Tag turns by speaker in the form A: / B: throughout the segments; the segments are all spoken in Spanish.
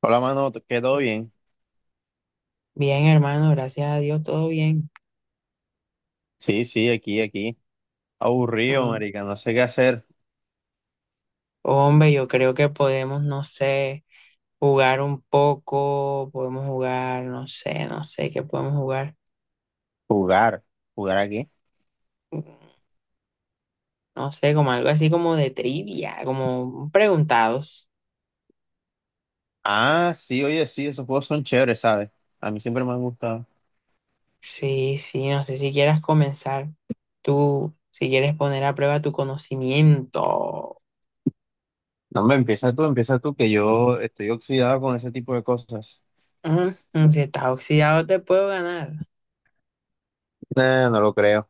A: Hola, mano, ¿qué todo bien?
B: Bien, hermano, gracias a Dios, todo bien.
A: Sí, sí, aquí, aquí. Aburrido,
B: Mm.
A: marica, no sé qué hacer.
B: Hombre, yo creo que podemos, no sé, jugar un poco, podemos jugar, no sé, no sé qué podemos jugar.
A: Jugar. ¿Jugar aquí?
B: No sé, como algo así como de trivia, como preguntados.
A: Ah, sí, oye, sí, esos juegos son chéveres, ¿sabes? A mí siempre me han gustado.
B: Sí, sí, no sé si quieras comenzar tú, si quieres poner a prueba tu conocimiento.
A: No, me, Empieza tú, empieza tú, que yo estoy oxidado con ese tipo de cosas.
B: Mm, si estás oxidado, te puedo ganar.
A: Nah, no lo creo.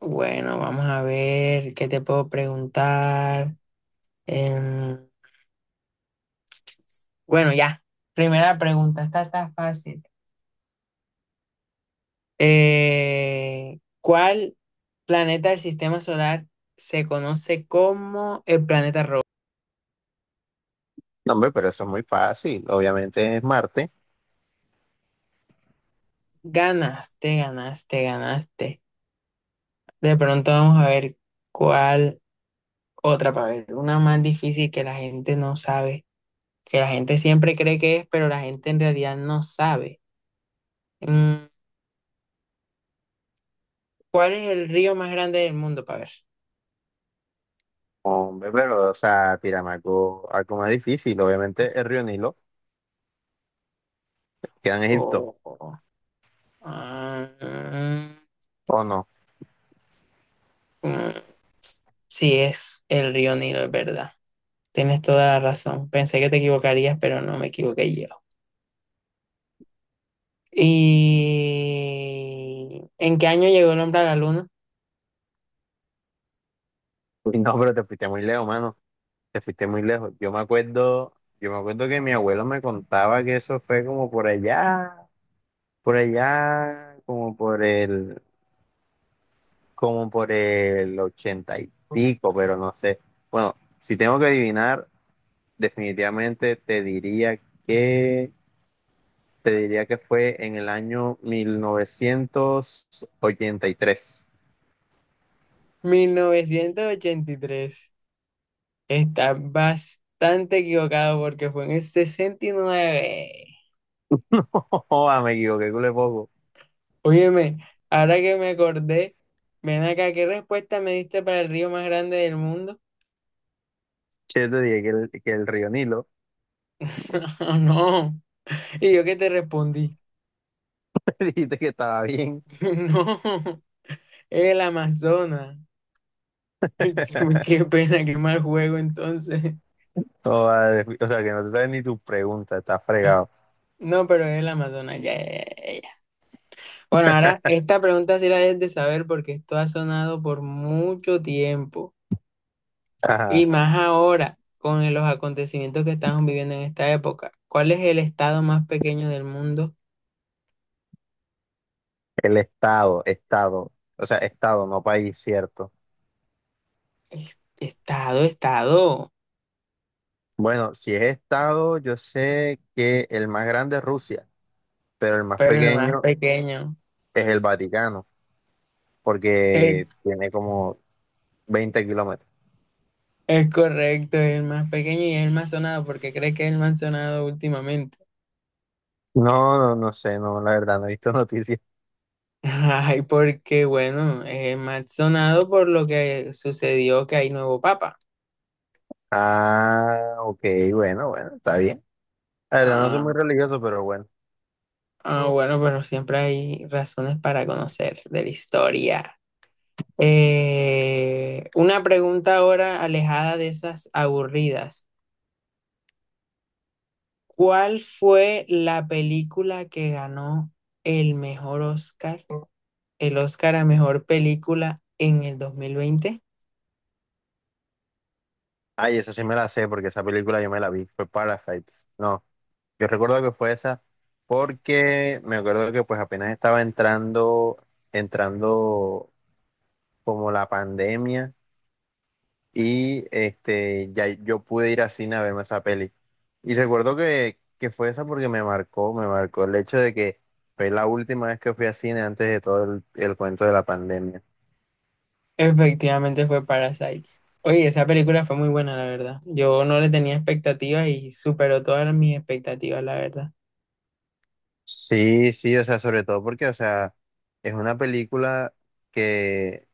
B: Bueno, vamos a ver qué te puedo preguntar. Em, Bueno, ya. Primera pregunta, esta está fácil. ¿Cuál planeta del sistema solar se conoce como el planeta rojo?
A: No, hombre, pero eso es muy fácil. Obviamente es Marte.
B: Ganaste, ganaste, ganaste. De pronto vamos a ver cuál otra para ver. Una más difícil que la gente no sabe, que la gente siempre cree que es, pero la gente en realidad no sabe. Mm, ¿Cuál es el río más grande del mundo para ver?
A: Hombre, pero, o sea, tírame algo, algo más difícil. Obviamente el río Nilo queda en Egipto,
B: Oh, ah,
A: ¿o no?
B: mm, sí, es el río Nilo, es verdad. Tienes toda la razón. Pensé que te equivocarías, pero no me equivoqué yo. ¿Y en qué año llegó el hombre a la luna?
A: Uy, no, pero te fuiste muy lejos, mano. Te fuiste muy lejos. Yo me acuerdo que mi abuelo me contaba que eso fue como por allá, como por el ochenta y pico, pero no sé. Bueno, si tengo que adivinar, definitivamente te diría que, te diría que fue en el año 1983.
B: 1983. Está bastante equivocado porque fue en el 69.
A: Joda, me equivoqué, cule poco.
B: Óyeme, ahora que me acordé, ven acá, ¿qué respuesta me diste para el río más grande del mundo?
A: Che, te dije que el río Nilo.
B: No, y yo que te respondí.
A: Dijiste que estaba bien.
B: No. El Amazonas. Qué pena, qué mal juego entonces.
A: No, vale, o sea, que no te sabes ni tu pregunta, está fregado.
B: No, pero el Amazonas, ya, ya, ya, ya. Bueno, ahora esta pregunta sí la debes de saber porque esto ha sonado por mucho tiempo
A: Ajá,
B: y más ahora con los acontecimientos que estamos viviendo en esta época. ¿Cuál es el estado más pequeño del mundo?
A: estado, o sea, estado, no país, cierto.
B: Estado, estado,
A: Bueno, si es estado, yo sé que el más grande es Rusia, pero el más
B: pero el más
A: pequeño
B: pequeño.
A: es el Vaticano,
B: Es,
A: porque tiene como 20 kilómetros.
B: es correcto, es el más pequeño y es el más sonado porque cree que es el más sonado últimamente.
A: No, no, no sé, no, la verdad, no he visto noticias.
B: Ay, porque bueno, es más sonado por lo que sucedió que hay nuevo papa.
A: Ah, ok, bueno, bueno, está bien. La verdad, no soy
B: Ah,
A: muy religioso, pero bueno.
B: ah, bueno, pero siempre hay razones para conocer de la historia. Una pregunta ahora alejada de esas aburridas. ¿Cuál fue la película que ganó el mejor Oscar, el Oscar a mejor película en el 2020?
A: Ay, esa sí me la sé, porque esa película yo me la vi, fue Parasites, no. Yo recuerdo que fue esa porque me acuerdo que pues apenas estaba entrando como la pandemia y este ya yo pude ir al cine a verme esa peli. Y recuerdo que fue esa porque me marcó el hecho de que fue la última vez que fui al cine antes de el cuento de la pandemia.
B: Efectivamente fue Parasites. Oye, esa película fue muy buena, la verdad. Yo no le tenía expectativas y superó todas mis expectativas, la verdad.
A: Sí, sí, o sea, sobre todo porque, o sea, es una película que,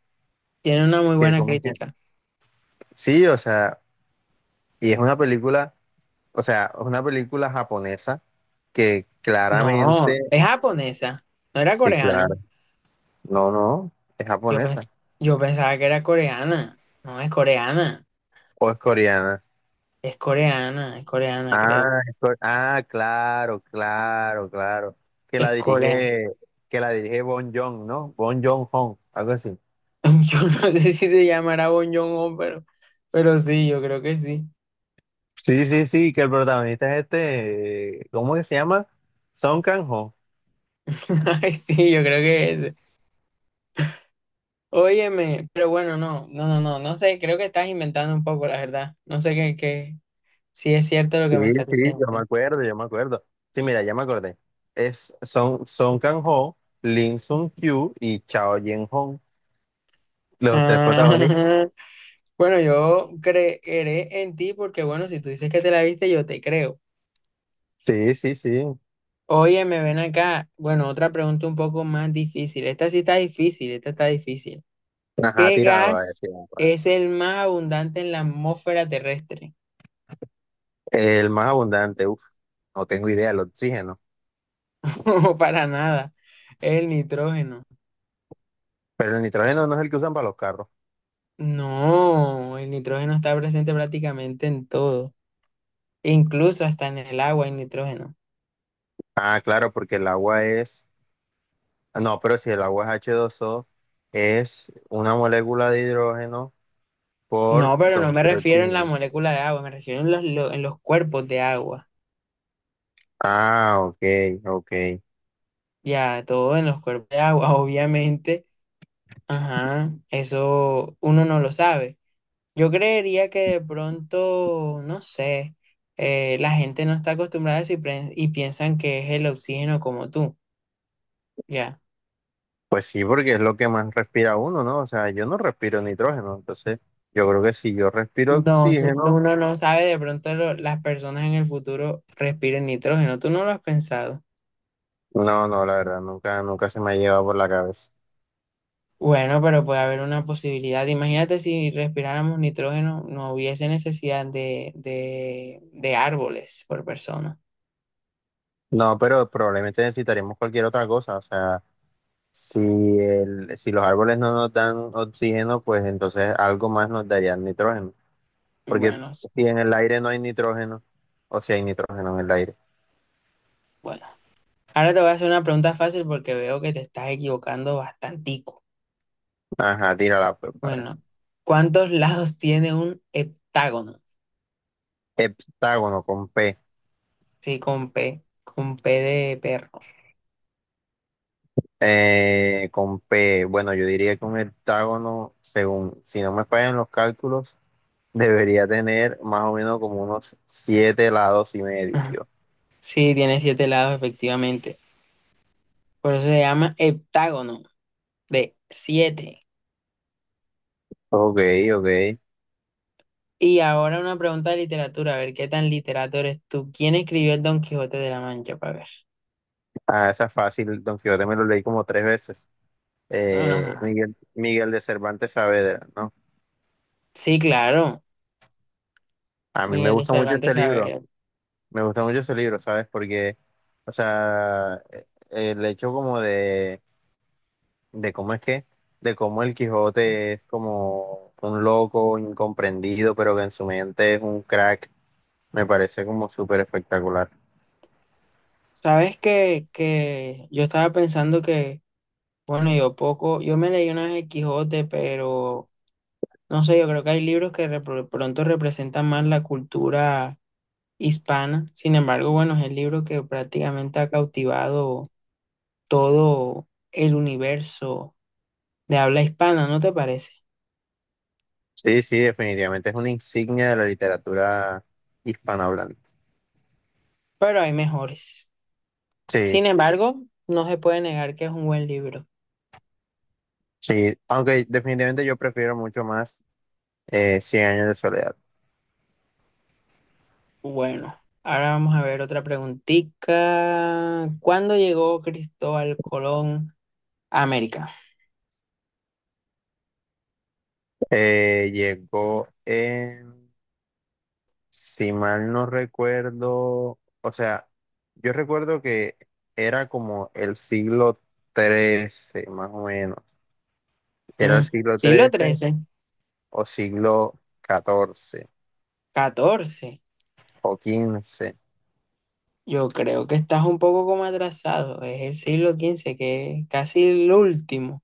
B: Tiene una muy
A: que
B: buena
A: como que,
B: crítica.
A: sí, o sea, y es una película. O sea, es una película japonesa que
B: No,
A: claramente,
B: es japonesa, no era
A: sí,
B: coreana.
A: claro, no, no, es
B: Yo
A: japonesa
B: pens- yo pensaba que era coreana. No, es coreana.
A: o es coreana.
B: Es coreana, es coreana, creo.
A: Ah, claro, claro, claro. Que la
B: Es coreana.
A: dirige, que la dirige Bon Joon, ¿no? Bon Joon-ho, algo así.
B: Yo no sé si se llamará Bong Joon-ho, pero sí, yo creo que sí.
A: Sí, sí, sí, que el protagonista es este, ¿cómo que se llama? Son Kang-ho.
B: Ay, sí, yo creo que es. Óyeme, pero bueno, no, no, no, no, no sé, creo que estás inventando un poco, la verdad. No sé qué, qué, si es cierto lo
A: Sí,
B: que me estás
A: sí,
B: diciendo.
A: yo me acuerdo, yo me acuerdo. Sí, mira, ya me acordé. Es Son Kang-ho, Lim Sun Kyu y Chao Yen-ho. Los tres
B: Ah,
A: protagonistas.
B: bueno, yo creeré en ti porque, bueno, si tú dices que te la viste, yo te creo.
A: Sí, sí, sí.
B: Óyeme, ven acá. Bueno, otra pregunta un poco más difícil. Esta sí está difícil, esta está difícil.
A: Ajá,
B: ¿Qué
A: tírala, va,
B: gas
A: tírala, va.
B: es el más abundante en la atmósfera terrestre?
A: El más abundante, uff, no tengo idea, el oxígeno.
B: No, para nada. Es el nitrógeno.
A: Pero el nitrógeno no es el que usan para los carros.
B: No, el nitrógeno está presente prácticamente en todo, incluso hasta en el agua hay nitrógeno.
A: Ah, claro, porque el agua es. No, pero si el agua es h dos o es una molécula de hidrógeno
B: No,
A: por
B: pero
A: dos
B: no me
A: de
B: refiero en la
A: oxígeno.
B: molécula de agua, me refiero en los, en los cuerpos de agua.
A: Ah, ok, ok.
B: Ya, todo en los cuerpos de agua, obviamente. Ajá, eso uno no lo sabe. Yo creería que de pronto, no sé, la gente no está acostumbrada a eso y, y piensan que es el oxígeno como tú. Ya.
A: Pues sí, porque es lo que más respira uno, ¿no? O sea, yo no respiro nitrógeno, entonces yo creo que si yo respiro
B: No, no,
A: oxígeno,
B: uno no sabe, de pronto las personas en el futuro respiren nitrógeno, tú no lo has pensado.
A: no, no, la verdad, nunca, nunca se me ha llevado por la cabeza.
B: Bueno, pero puede haber una posibilidad. Imagínate si respiráramos nitrógeno, no hubiese necesidad de árboles por persona.
A: No, pero probablemente necesitaremos cualquier otra cosa. O sea, si, si los árboles no nos dan oxígeno, pues entonces algo más nos darían nitrógeno. Porque
B: Bueno, s-
A: si en el aire no hay nitrógeno, o si hay nitrógeno en el aire.
B: bueno. Ahora te voy a hacer una pregunta fácil porque veo que te estás equivocando bastantico.
A: Ajá, tírala, pues, a ver.
B: Bueno, ¿cuántos lados tiene un heptágono?
A: Heptágono con P.
B: Sí, con P de perro.
A: Con P. Bueno, yo diría que un heptágono, según, si no me fallan los cálculos, debería tener más o menos como unos siete lados y medio.
B: Sí, tiene siete lados, efectivamente. Por eso se llama heptágono de siete.
A: Ok, ok.
B: Y ahora una pregunta de literatura, a ver qué tan literato eres tú. ¿Quién escribió el Don Quijote de la Mancha? Para ver.
A: Ah, esa es fácil, Don Quijote me lo leí como tres veces.
B: Ajá.
A: Miguel de Cervantes Saavedra, ¿no?
B: Sí, claro.
A: A mí me
B: Miguel de
A: gusta mucho este
B: Cervantes
A: libro,
B: Saavedra.
A: me gusta mucho ese libro, ¿sabes? Porque, o sea, el hecho de cómo es que, de cómo el Quijote es como un loco incomprendido, pero que en su mente es un crack, me parece como súper espectacular.
B: Sabes que yo estaba pensando que, bueno, yo poco, yo me leí una vez el Quijote, pero no sé, yo creo que hay libros que pronto representan más la cultura hispana. Sin embargo, bueno, es el libro que prácticamente ha cautivado todo el universo de habla hispana, ¿no te parece?
A: Sí, sí, definitivamente es una insignia de la literatura hispanohablante.
B: Pero hay mejores.
A: Sí.
B: Sin embargo, no se puede negar que es un buen libro.
A: Sí, aunque definitivamente yo prefiero mucho más 100 años de soledad.
B: Bueno, ahora vamos a ver otra preguntita. ¿Cuándo llegó Cristóbal Colón a América?
A: Eh, llegó en, si mal no recuerdo, o sea, yo recuerdo que era como el siglo XIII, más o menos. Era el
B: Mm,
A: siglo
B: siglo
A: XIII
B: trece,
A: o siglo XIV
B: catorce.
A: o quince.
B: Yo creo que estás un poco como atrasado. Es el siglo quince, que es casi el último.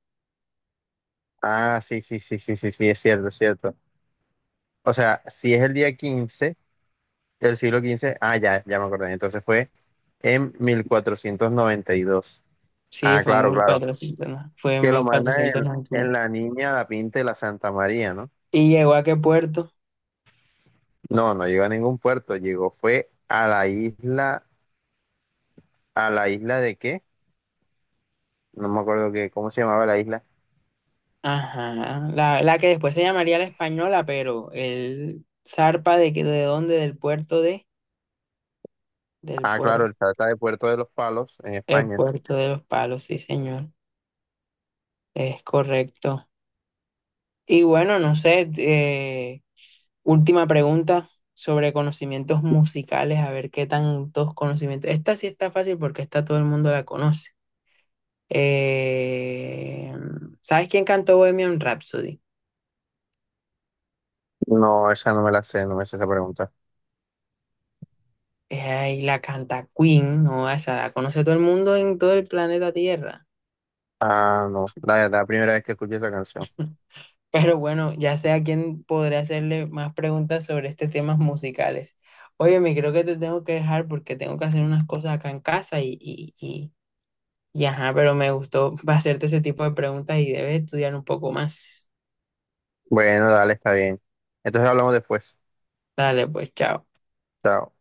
A: Ah, sí, sí, sí, sí, sí, sí, es cierto, es cierto. O sea, si es el día 15. El siglo XV, ah, ya, ya me acordé. Entonces fue en 1492.
B: Sí,
A: Ah,
B: fue en
A: claro, claro.
B: 1400, ¿no? Fue en
A: Que lo mandan
B: 1492.
A: en la Niña, la Pinta y la Santa María, ¿no?
B: ¿Y llegó a qué puerto?
A: No, no llegó a ningún puerto. Llegó, fue ¿a la isla de qué? No me acuerdo qué, cómo se llamaba la isla.
B: Ajá, la que después se llamaría la española, pero él zarpa de que de dónde, del puerto de, del
A: Ah, claro,
B: puerto,
A: el Trata de Puerto de los Palos en
B: el
A: España.
B: puerto de los palos, sí señor, es correcto. Y bueno, no sé, última pregunta sobre conocimientos musicales, a ver qué tantos conocimientos. Esta sí está fácil porque esta todo el mundo la conoce. Eh, ¿Sabes quién cantó Bohemian Rhapsody?
A: No, esa no me la sé, no me sé esa pregunta.
B: Y la canta Queen, ¿no? Esa la conoce todo el mundo en todo el planeta Tierra.
A: Ah, no, la verdad, primera vez que escuché esa canción.
B: Pero bueno, ya sé a quién podré hacerle más preguntas sobre estos temas musicales. Oye, me creo que te tengo que dejar porque tengo que hacer unas cosas acá en casa y ajá, pero me gustó hacerte ese tipo de preguntas y debes estudiar un poco más.
A: Bueno, dale, está bien. Entonces hablamos después.
B: Dale, pues, chao.
A: Chao.